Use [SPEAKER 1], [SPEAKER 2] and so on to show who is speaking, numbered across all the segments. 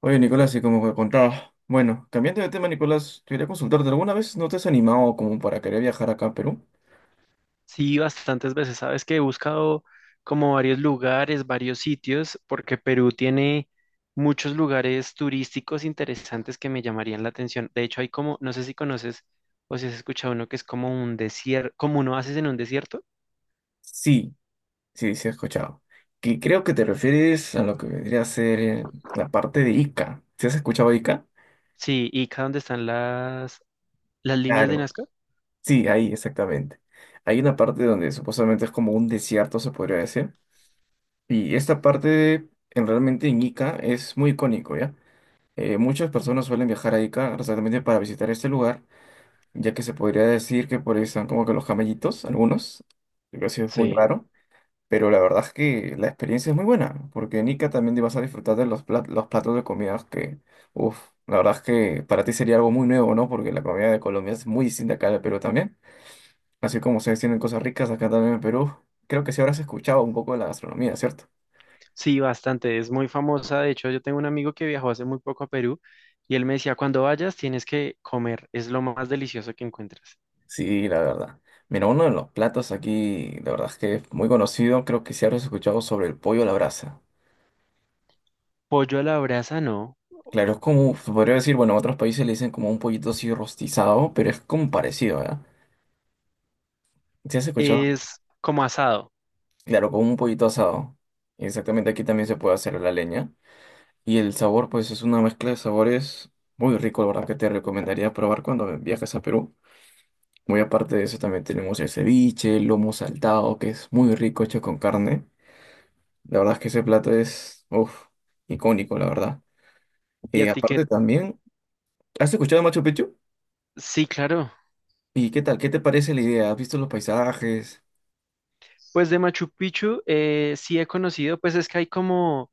[SPEAKER 1] Oye, Nicolás, y como que contaba, bueno, cambiando de tema, Nicolás, quería consultarte, ¿alguna vez no te has animado como para querer viajar acá a Perú?
[SPEAKER 2] Sí, bastantes veces. Sabes que he buscado como varios lugares, varios sitios, porque Perú tiene muchos lugares turísticos interesantes que me llamarían la atención. De hecho, hay como, no sé si conoces o si has escuchado uno que es como un desierto, como un oasis en un desierto.
[SPEAKER 1] Sí, sí, sí, he escuchado. Que creo que te refieres a lo que vendría a ser la parte de Ica. ¿Sí has escuchado Ica?
[SPEAKER 2] Sí, Ica, donde están las líneas de
[SPEAKER 1] Claro,
[SPEAKER 2] Nazca.
[SPEAKER 1] sí, ahí, exactamente. Hay una parte donde supuestamente es como un desierto, se podría decir. Y esta parte, realmente en Ica, es muy icónico, ¿ya? Muchas personas suelen viajar a Ica, exactamente para visitar este lugar ya que se podría decir que por ahí están como que los camellitos, algunos, lo que sí es muy
[SPEAKER 2] Sí,
[SPEAKER 1] raro, pero la verdad es que la experiencia es muy buena, porque en Ica también te vas a disfrutar de los platos de comidas que, uff, la verdad es que para ti sería algo muy nuevo, ¿no? Porque la comida de Colombia es muy distinta acá de Perú también, así como ustedes tienen cosas ricas acá también en Perú, creo que sí habrás escuchado un poco de la gastronomía, ¿cierto?
[SPEAKER 2] sí, bastante. Es muy famosa. De hecho, yo tengo un amigo que viajó hace muy poco a Perú y él me decía, cuando vayas tienes que comer, es lo más delicioso que encuentras.
[SPEAKER 1] Sí, la verdad. Mira, uno de los platos aquí, la verdad es que es muy conocido, creo que sí habrás escuchado sobre el pollo a la brasa.
[SPEAKER 2] Pollo a la brasa, no.
[SPEAKER 1] Claro, es como, se podría decir, bueno, en otros países le dicen como un pollito así rostizado, pero es como parecido, ¿verdad? ¿Sí has escuchado?
[SPEAKER 2] Es como asado.
[SPEAKER 1] Claro, como un pollito asado. Exactamente, aquí también se puede hacer a la leña. Y el sabor, pues es una mezcla de sabores muy rico, la verdad que te recomendaría probar cuando viajes a Perú. Muy aparte de eso, también tenemos el ceviche, el lomo saltado, que es muy rico, hecho con carne. La verdad es que ese plato es, uff, icónico, la verdad.
[SPEAKER 2] ¿Y a
[SPEAKER 1] Y
[SPEAKER 2] ti qué?
[SPEAKER 1] aparte también, ¿has escuchado Machu Picchu?
[SPEAKER 2] Sí, claro.
[SPEAKER 1] ¿Y qué tal? ¿Qué te parece la idea? ¿Has visto los paisajes?
[SPEAKER 2] Pues de Machu Picchu sí he conocido, pues es que hay como,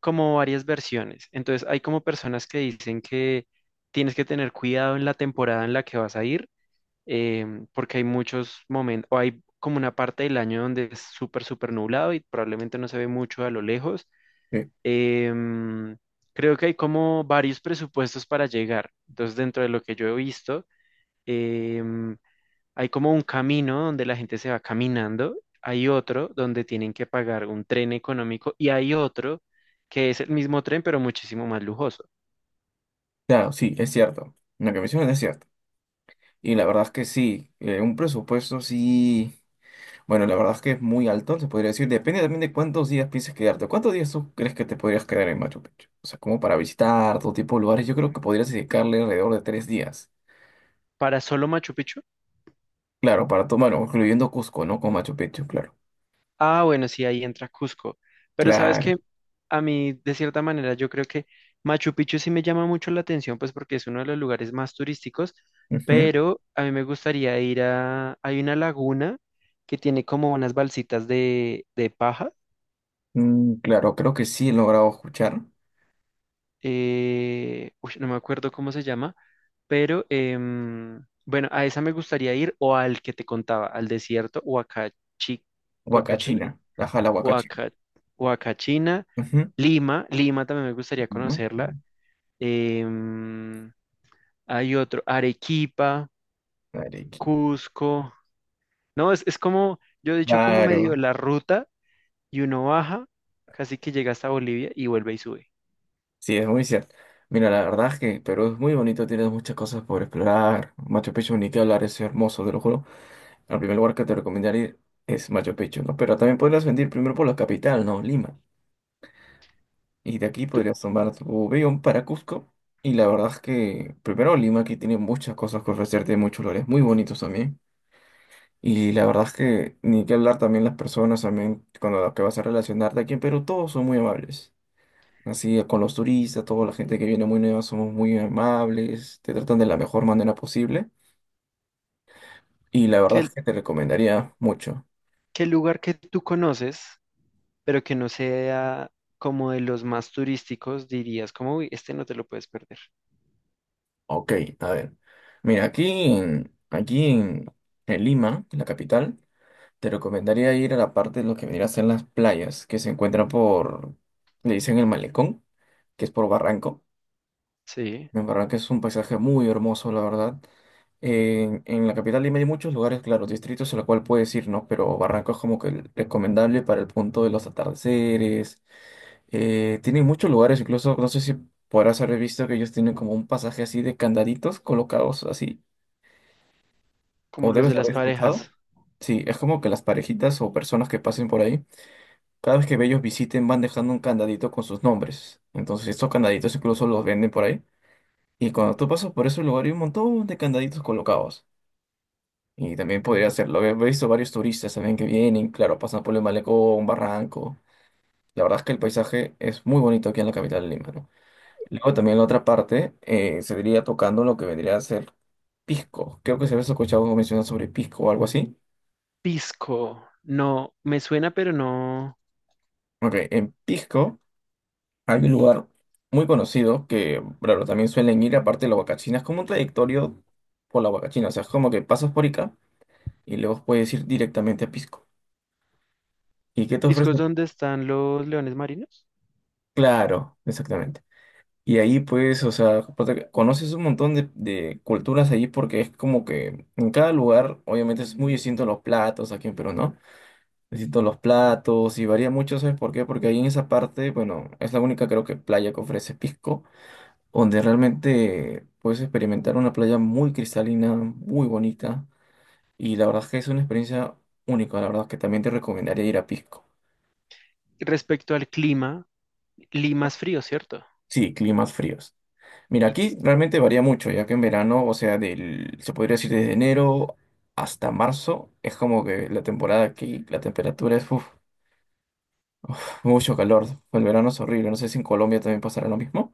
[SPEAKER 2] como varias versiones. Entonces hay como personas que dicen que tienes que tener cuidado en la temporada en la que vas a ir, porque hay muchos momentos, o hay como una parte del año donde es súper, súper nublado y probablemente no se ve mucho a lo lejos.
[SPEAKER 1] Eh,
[SPEAKER 2] Em, Creo que hay como varios presupuestos para llegar. Entonces dentro de lo que yo he visto, em, hay como un camino donde la gente se va caminando, hay otro donde tienen que pagar un tren económico y hay otro que es el mismo tren pero muchísimo más lujoso.
[SPEAKER 1] claro, sí, es cierto. Lo que mencionan es cierto. Y la verdad es que sí, un presupuesto sí, bueno, la verdad es que es muy alto, se podría decir. Depende también de cuántos días pienses quedarte. ¿Cuántos días tú crees que te podrías quedar en Machu Picchu? O sea, como para visitar todo tipo de lugares, yo creo que podrías dedicarle alrededor de 3 días.
[SPEAKER 2] ¿Para solo Machu Picchu?
[SPEAKER 1] Claro, para tomar, incluyendo Cusco, ¿no? Con Machu Picchu, claro.
[SPEAKER 2] Ah, bueno, sí, ahí entra Cusco. Pero sabes que
[SPEAKER 1] Claro.
[SPEAKER 2] a mí, de cierta manera, yo creo que Machu Picchu sí me llama mucho la atención, pues porque es uno de los lugares más turísticos,
[SPEAKER 1] Ujú.
[SPEAKER 2] pero a mí me gustaría ir a... Hay una laguna que tiene como unas balsitas de paja.
[SPEAKER 1] Mm, claro, creo que sí he logrado escuchar.
[SPEAKER 2] Uy, no me acuerdo cómo se llama, pero bueno, a esa me gustaría ir o al que te contaba, al desierto Huacachi,
[SPEAKER 1] Huacachina, la jala Huacachina.
[SPEAKER 2] Huaca- Huacachina,
[SPEAKER 1] Ujú.
[SPEAKER 2] Lima también me gustaría
[SPEAKER 1] ¿No?
[SPEAKER 2] conocerla. em, hay otro, Arequipa,
[SPEAKER 1] Arequipa.
[SPEAKER 2] Cusco. No, es como, yo he dicho como medio
[SPEAKER 1] Claro.
[SPEAKER 2] la ruta y uno baja, casi que llega hasta Bolivia y vuelve y sube.
[SPEAKER 1] Sí, es muy cierto. Mira, la verdad es que Perú es muy bonito, tienes muchas cosas por explorar. Machu Picchu, ni que hablar, es hermoso, te lo juro. El primer lugar que te recomendaría es Machu Picchu, ¿no? Pero también podrías venir primero por la capital, ¿no? Lima. Y de aquí
[SPEAKER 2] ¿Tú-
[SPEAKER 1] podrías tomar tu avión para Cusco. Y la verdad es que primero Lima aquí tiene muchas cosas que ofrecerte, muchos lugares muy bonitos también. Y la verdad es que ni que hablar también las personas, también con las que vas a relacionarte aquí en Perú, todos son muy amables. Así con los turistas, toda la gente que viene muy nueva, somos muy amables, te tratan de la mejor manera posible y la verdad
[SPEAKER 2] qué,
[SPEAKER 1] es que te recomendaría mucho.
[SPEAKER 2] qué lugar que tú conoces, pero que no sea como de los más turísticos, dirías como, uy, este no te lo puedes perder?
[SPEAKER 1] Ok, a ver. Mira, en, aquí en, en Lima, en la capital, te recomendaría ir a la parte de lo que vendría a ser las playas, que se encuentran por, le dicen el malecón, que es por Barranco.
[SPEAKER 2] Sí,
[SPEAKER 1] En verdad que es un paisaje muy hermoso, la verdad. En la capital Lima hay muchos lugares, claro, distritos a los cual puedes ir, ¿no? Pero Barranco es como que el recomendable para el punto de los atardeceres. Tienen muchos lugares, incluso, no sé si podrás haber visto que ellos tienen como un pasaje así de candaditos colocados así,
[SPEAKER 2] como
[SPEAKER 1] o
[SPEAKER 2] los de
[SPEAKER 1] debes
[SPEAKER 2] las
[SPEAKER 1] haber escuchado.
[SPEAKER 2] parejas.
[SPEAKER 1] Sí, es como que las parejitas o personas que pasen por ahí, cada vez que ellos visiten van dejando un candadito con sus nombres. Entonces, estos candaditos incluso los venden por ahí. Y cuando tú pasas por ese lugar hay un montón de candaditos colocados. Y también
[SPEAKER 2] Mm.
[SPEAKER 1] podría hacerlo. He visto varios turistas también que vienen, claro, pasan por el malecón, un barranco. La verdad es que el paisaje es muy bonito aquí en la capital de Lima, ¿no? Luego también la otra parte se diría tocando lo que vendría a ser Pisco. Creo que se había escuchado mencionar sobre Pisco o algo así.
[SPEAKER 2] Pisco, no, me suena, pero no.
[SPEAKER 1] Ok, en Pisco hay un lugar muy conocido que, claro, también suelen ir aparte de la Huacachina. Es como un trayectorio por la Huacachina. O sea, es como que pasas por Ica y luego puedes ir directamente a Pisco. ¿Y qué te
[SPEAKER 2] Pisco es
[SPEAKER 1] ofrece?
[SPEAKER 2] donde están los leones marinos.
[SPEAKER 1] Claro, exactamente. Y ahí pues, o sea, aparte, conoces un montón de, culturas allí porque es como que en cada lugar, obviamente es muy distinto los platos, aquí en Perú, ¿no? Distintos los platos y varía mucho, ¿sabes por qué? Porque ahí en esa parte, bueno, es la única creo que playa que ofrece Pisco, donde realmente puedes experimentar una playa muy cristalina, muy bonita y la verdad es que es una experiencia única, la verdad es que también te recomendaría ir a Pisco.
[SPEAKER 2] Respecto al clima, Lima es frío, ¿cierto?
[SPEAKER 1] Sí, climas fríos. Mira,
[SPEAKER 2] Y,
[SPEAKER 1] aquí realmente varía mucho, ya que en verano, o sea, se podría decir desde enero hasta marzo, es como que la temporada aquí, la temperatura es uf, uf, mucho calor. El verano es horrible. No sé si en Colombia también pasará lo mismo,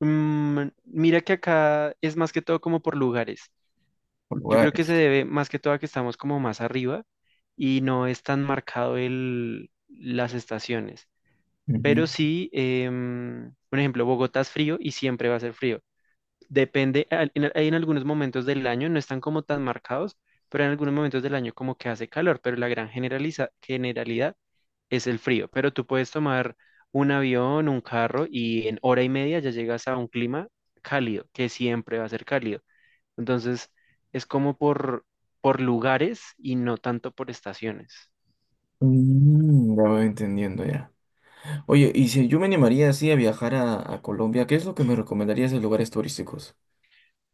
[SPEAKER 2] mira que acá es más que todo como por lugares.
[SPEAKER 1] por
[SPEAKER 2] Yo creo que se
[SPEAKER 1] lugares.
[SPEAKER 2] debe más que todo a que estamos como más arriba y no es tan marcado el, las estaciones. Pero
[SPEAKER 1] Ujú.
[SPEAKER 2] sí, por ejemplo, Bogotá es frío y siempre va a ser frío. Depende, hay en algunos momentos del año, no están como tan marcados, pero en algunos momentos del año como que hace calor, pero la gran generalidad es el frío, pero tú puedes tomar un avión, un carro y en hora y media ya llegas a un clima cálido, que siempre va a ser cálido. Entonces, es como por lugares y no tanto por estaciones.
[SPEAKER 1] Mm, ya voy entendiendo ya. Oye, y si yo me animaría así a viajar a Colombia, ¿qué es lo que me recomendarías de lugares turísticos?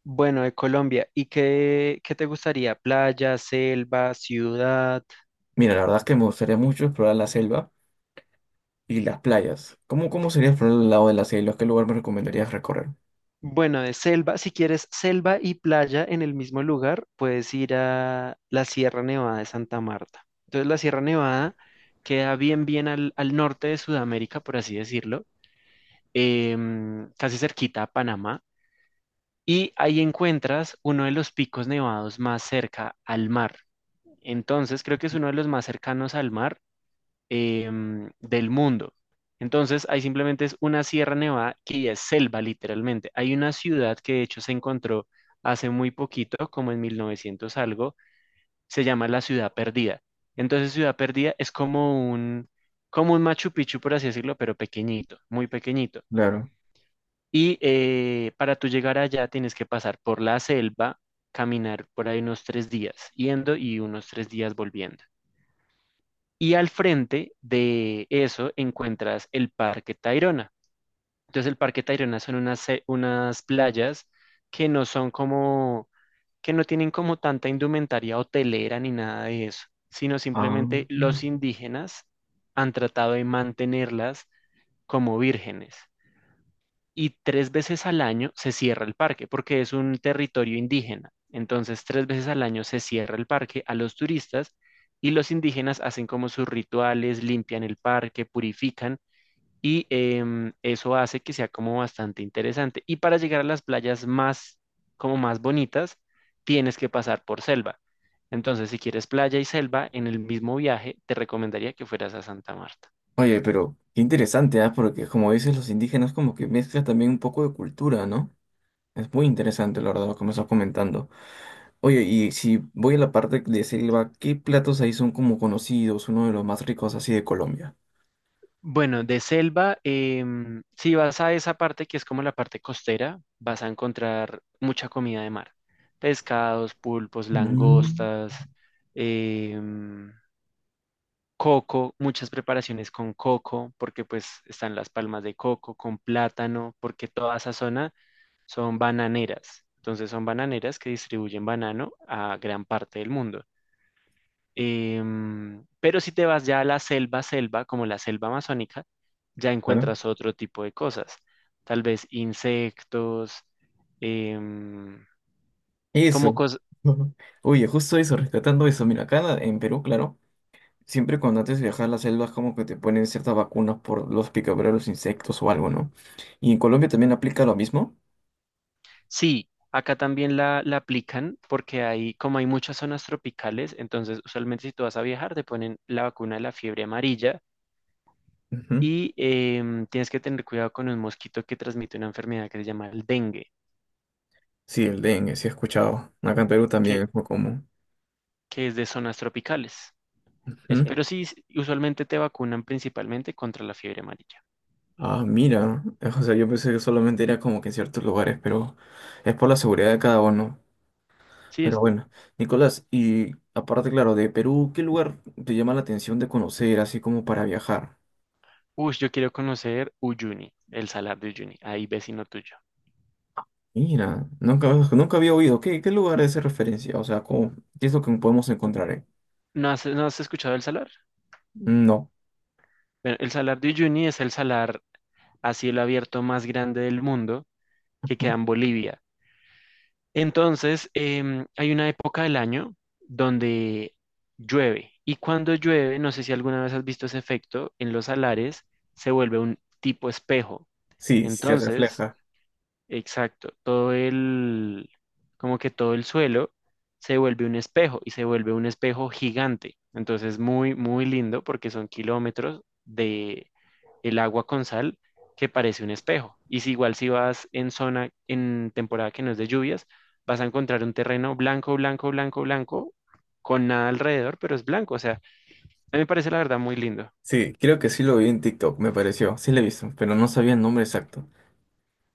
[SPEAKER 2] Bueno, de Colombia, ¿y qué te gustaría? ¿Playa, selva, ciudad?
[SPEAKER 1] Mira, la verdad es que me gustaría mucho explorar la selva y las playas. ¿Cómo, cómo sería explorar el lado de la selva? ¿Qué lugar me recomendarías recorrer?
[SPEAKER 2] Bueno, de selva, si quieres selva y playa en el mismo lugar, puedes ir a la Sierra Nevada de Santa Marta. Entonces, la Sierra Nevada queda bien, bien al norte de Sudamérica, por así decirlo, casi cerquita a Panamá, y ahí encuentras uno de los picos nevados más cerca al mar. Entonces, creo que es uno de los más cercanos al mar del mundo. Entonces, ahí simplemente es una Sierra Nevada que ya es selva, literalmente. Hay una ciudad que de hecho se encontró hace muy poquito, como en 1900 algo, se llama la Ciudad Perdida. Entonces, Ciudad Perdida es como un Machu Picchu, por así decirlo, pero pequeñito, muy pequeñito.
[SPEAKER 1] Claro.
[SPEAKER 2] Y para tú llegar allá tienes que pasar por la selva, caminar por ahí unos tres días, yendo y unos tres días volviendo. Y al frente de eso encuentras el Parque Tayrona. Entonces el Parque Tayrona son unas playas que no son como, que no tienen como tanta indumentaria hotelera ni nada de eso, sino
[SPEAKER 1] Ah,
[SPEAKER 2] simplemente los indígenas han tratado de mantenerlas como vírgenes y tres veces al año se cierra el parque porque es un territorio indígena. Entonces, tres veces al año se cierra el parque a los turistas y los indígenas hacen como sus rituales, limpian el parque, purifican y eso hace que sea como bastante interesante. Y para llegar a las playas más, como más bonitas, tienes que pasar por selva. Entonces, si quieres playa y selva en el mismo viaje, te recomendaría que fueras a Santa Marta.
[SPEAKER 1] oye, pero qué interesante, ¿ah? Porque como dices, los indígenas como que mezclan también un poco de cultura, ¿no? Es muy interesante, la verdad, como estás comentando. Oye, y si voy a la parte de selva, ¿qué platos ahí son como conocidos, uno de los más ricos así de Colombia?
[SPEAKER 2] Bueno, de selva, si vas a esa parte que es como la parte costera, vas a encontrar mucha comida de mar. Pescados, pulpos,
[SPEAKER 1] Mm,
[SPEAKER 2] langostas, em, coco, muchas preparaciones con coco, porque pues están las palmas de coco, con plátano, porque toda esa zona son bananeras. Entonces son bananeras que distribuyen banano a gran parte del mundo. Pero si te vas ya a la selva, selva, como la selva amazónica, ya
[SPEAKER 1] claro.
[SPEAKER 2] encuentras otro tipo de cosas. Tal vez insectos, em, como
[SPEAKER 1] Eso.
[SPEAKER 2] cosas.
[SPEAKER 1] Oye, justo eso, rescatando eso. Mira, acá en Perú, claro, siempre cuando antes de viajar a las selvas como que te ponen ciertas vacunas por los picaduras de los insectos o algo, ¿no? Y en Colombia también aplica lo mismo.
[SPEAKER 2] Sí, acá también la aplican porque hay, como hay muchas zonas tropicales, entonces usualmente si tú vas a viajar te ponen la vacuna de la fiebre amarilla y tienes que tener cuidado con un mosquito que transmite una enfermedad que se llama el dengue,
[SPEAKER 1] Sí, el dengue, sí he escuchado. Acá en Perú también
[SPEAKER 2] que,
[SPEAKER 1] es muy común.
[SPEAKER 2] que es de zonas tropicales.
[SPEAKER 1] Ujú.
[SPEAKER 2] Eso,
[SPEAKER 1] Sí.
[SPEAKER 2] pero sí, usualmente te vacunan principalmente contra la fiebre amarilla.
[SPEAKER 1] Ah, mira. O sea, yo pensé que solamente era como que en ciertos lugares, pero es por la seguridad de cada uno.
[SPEAKER 2] Sí,
[SPEAKER 1] Pero bueno, Nicolás, y aparte, claro, de Perú, ¿qué lugar te llama la atención de conocer, así como para viajar?
[SPEAKER 2] uy, yo quiero conocer Uyuni, el salar de Uyuni, ahí vecino tuyo.
[SPEAKER 1] Mira, nunca había oído. Qué lugar es de referencia? O sea, ¿cómo- ¿qué es lo que podemos encontrar? ¿Eh?
[SPEAKER 2] ¿No has escuchado el salar?
[SPEAKER 1] No.
[SPEAKER 2] Bueno, el salar de Uyuni es el salar a cielo abierto más grande del mundo que queda en Bolivia. Entonces, hay una época del año donde llueve. Y cuando llueve, no sé si alguna vez has visto ese efecto, en los salares se vuelve un tipo espejo.
[SPEAKER 1] Sí, sí se
[SPEAKER 2] Entonces,
[SPEAKER 1] refleja.
[SPEAKER 2] exacto, como que todo el suelo se vuelve un espejo y se vuelve un espejo gigante. Entonces, muy, muy lindo porque son kilómetros de el agua con sal que parece un espejo. Y si igual si vas en temporada que no es de lluvias, vas a encontrar un terreno blanco, blanco, blanco, blanco, con nada alrededor, pero es blanco. O sea, a mí me parece la verdad muy lindo.
[SPEAKER 1] Sí, creo que sí lo vi en TikTok, me pareció. Sí lo he visto, pero no sabía el nombre exacto.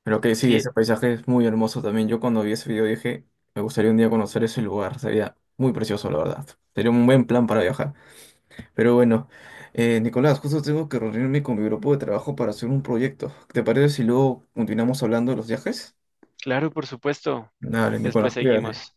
[SPEAKER 1] Pero que sí,
[SPEAKER 2] Sí,
[SPEAKER 1] ese paisaje es muy hermoso también. Yo cuando vi ese video dije, me gustaría un día conocer ese lugar. Sería muy precioso, la verdad. Sería un buen plan para viajar. Pero bueno, Nicolás, justo tengo que reunirme con mi grupo de trabajo para hacer un proyecto. ¿Te parece si luego continuamos hablando de los viajes?
[SPEAKER 2] claro, por supuesto.
[SPEAKER 1] Dale,
[SPEAKER 2] Después
[SPEAKER 1] Nicolás, cuídate.
[SPEAKER 2] seguimos.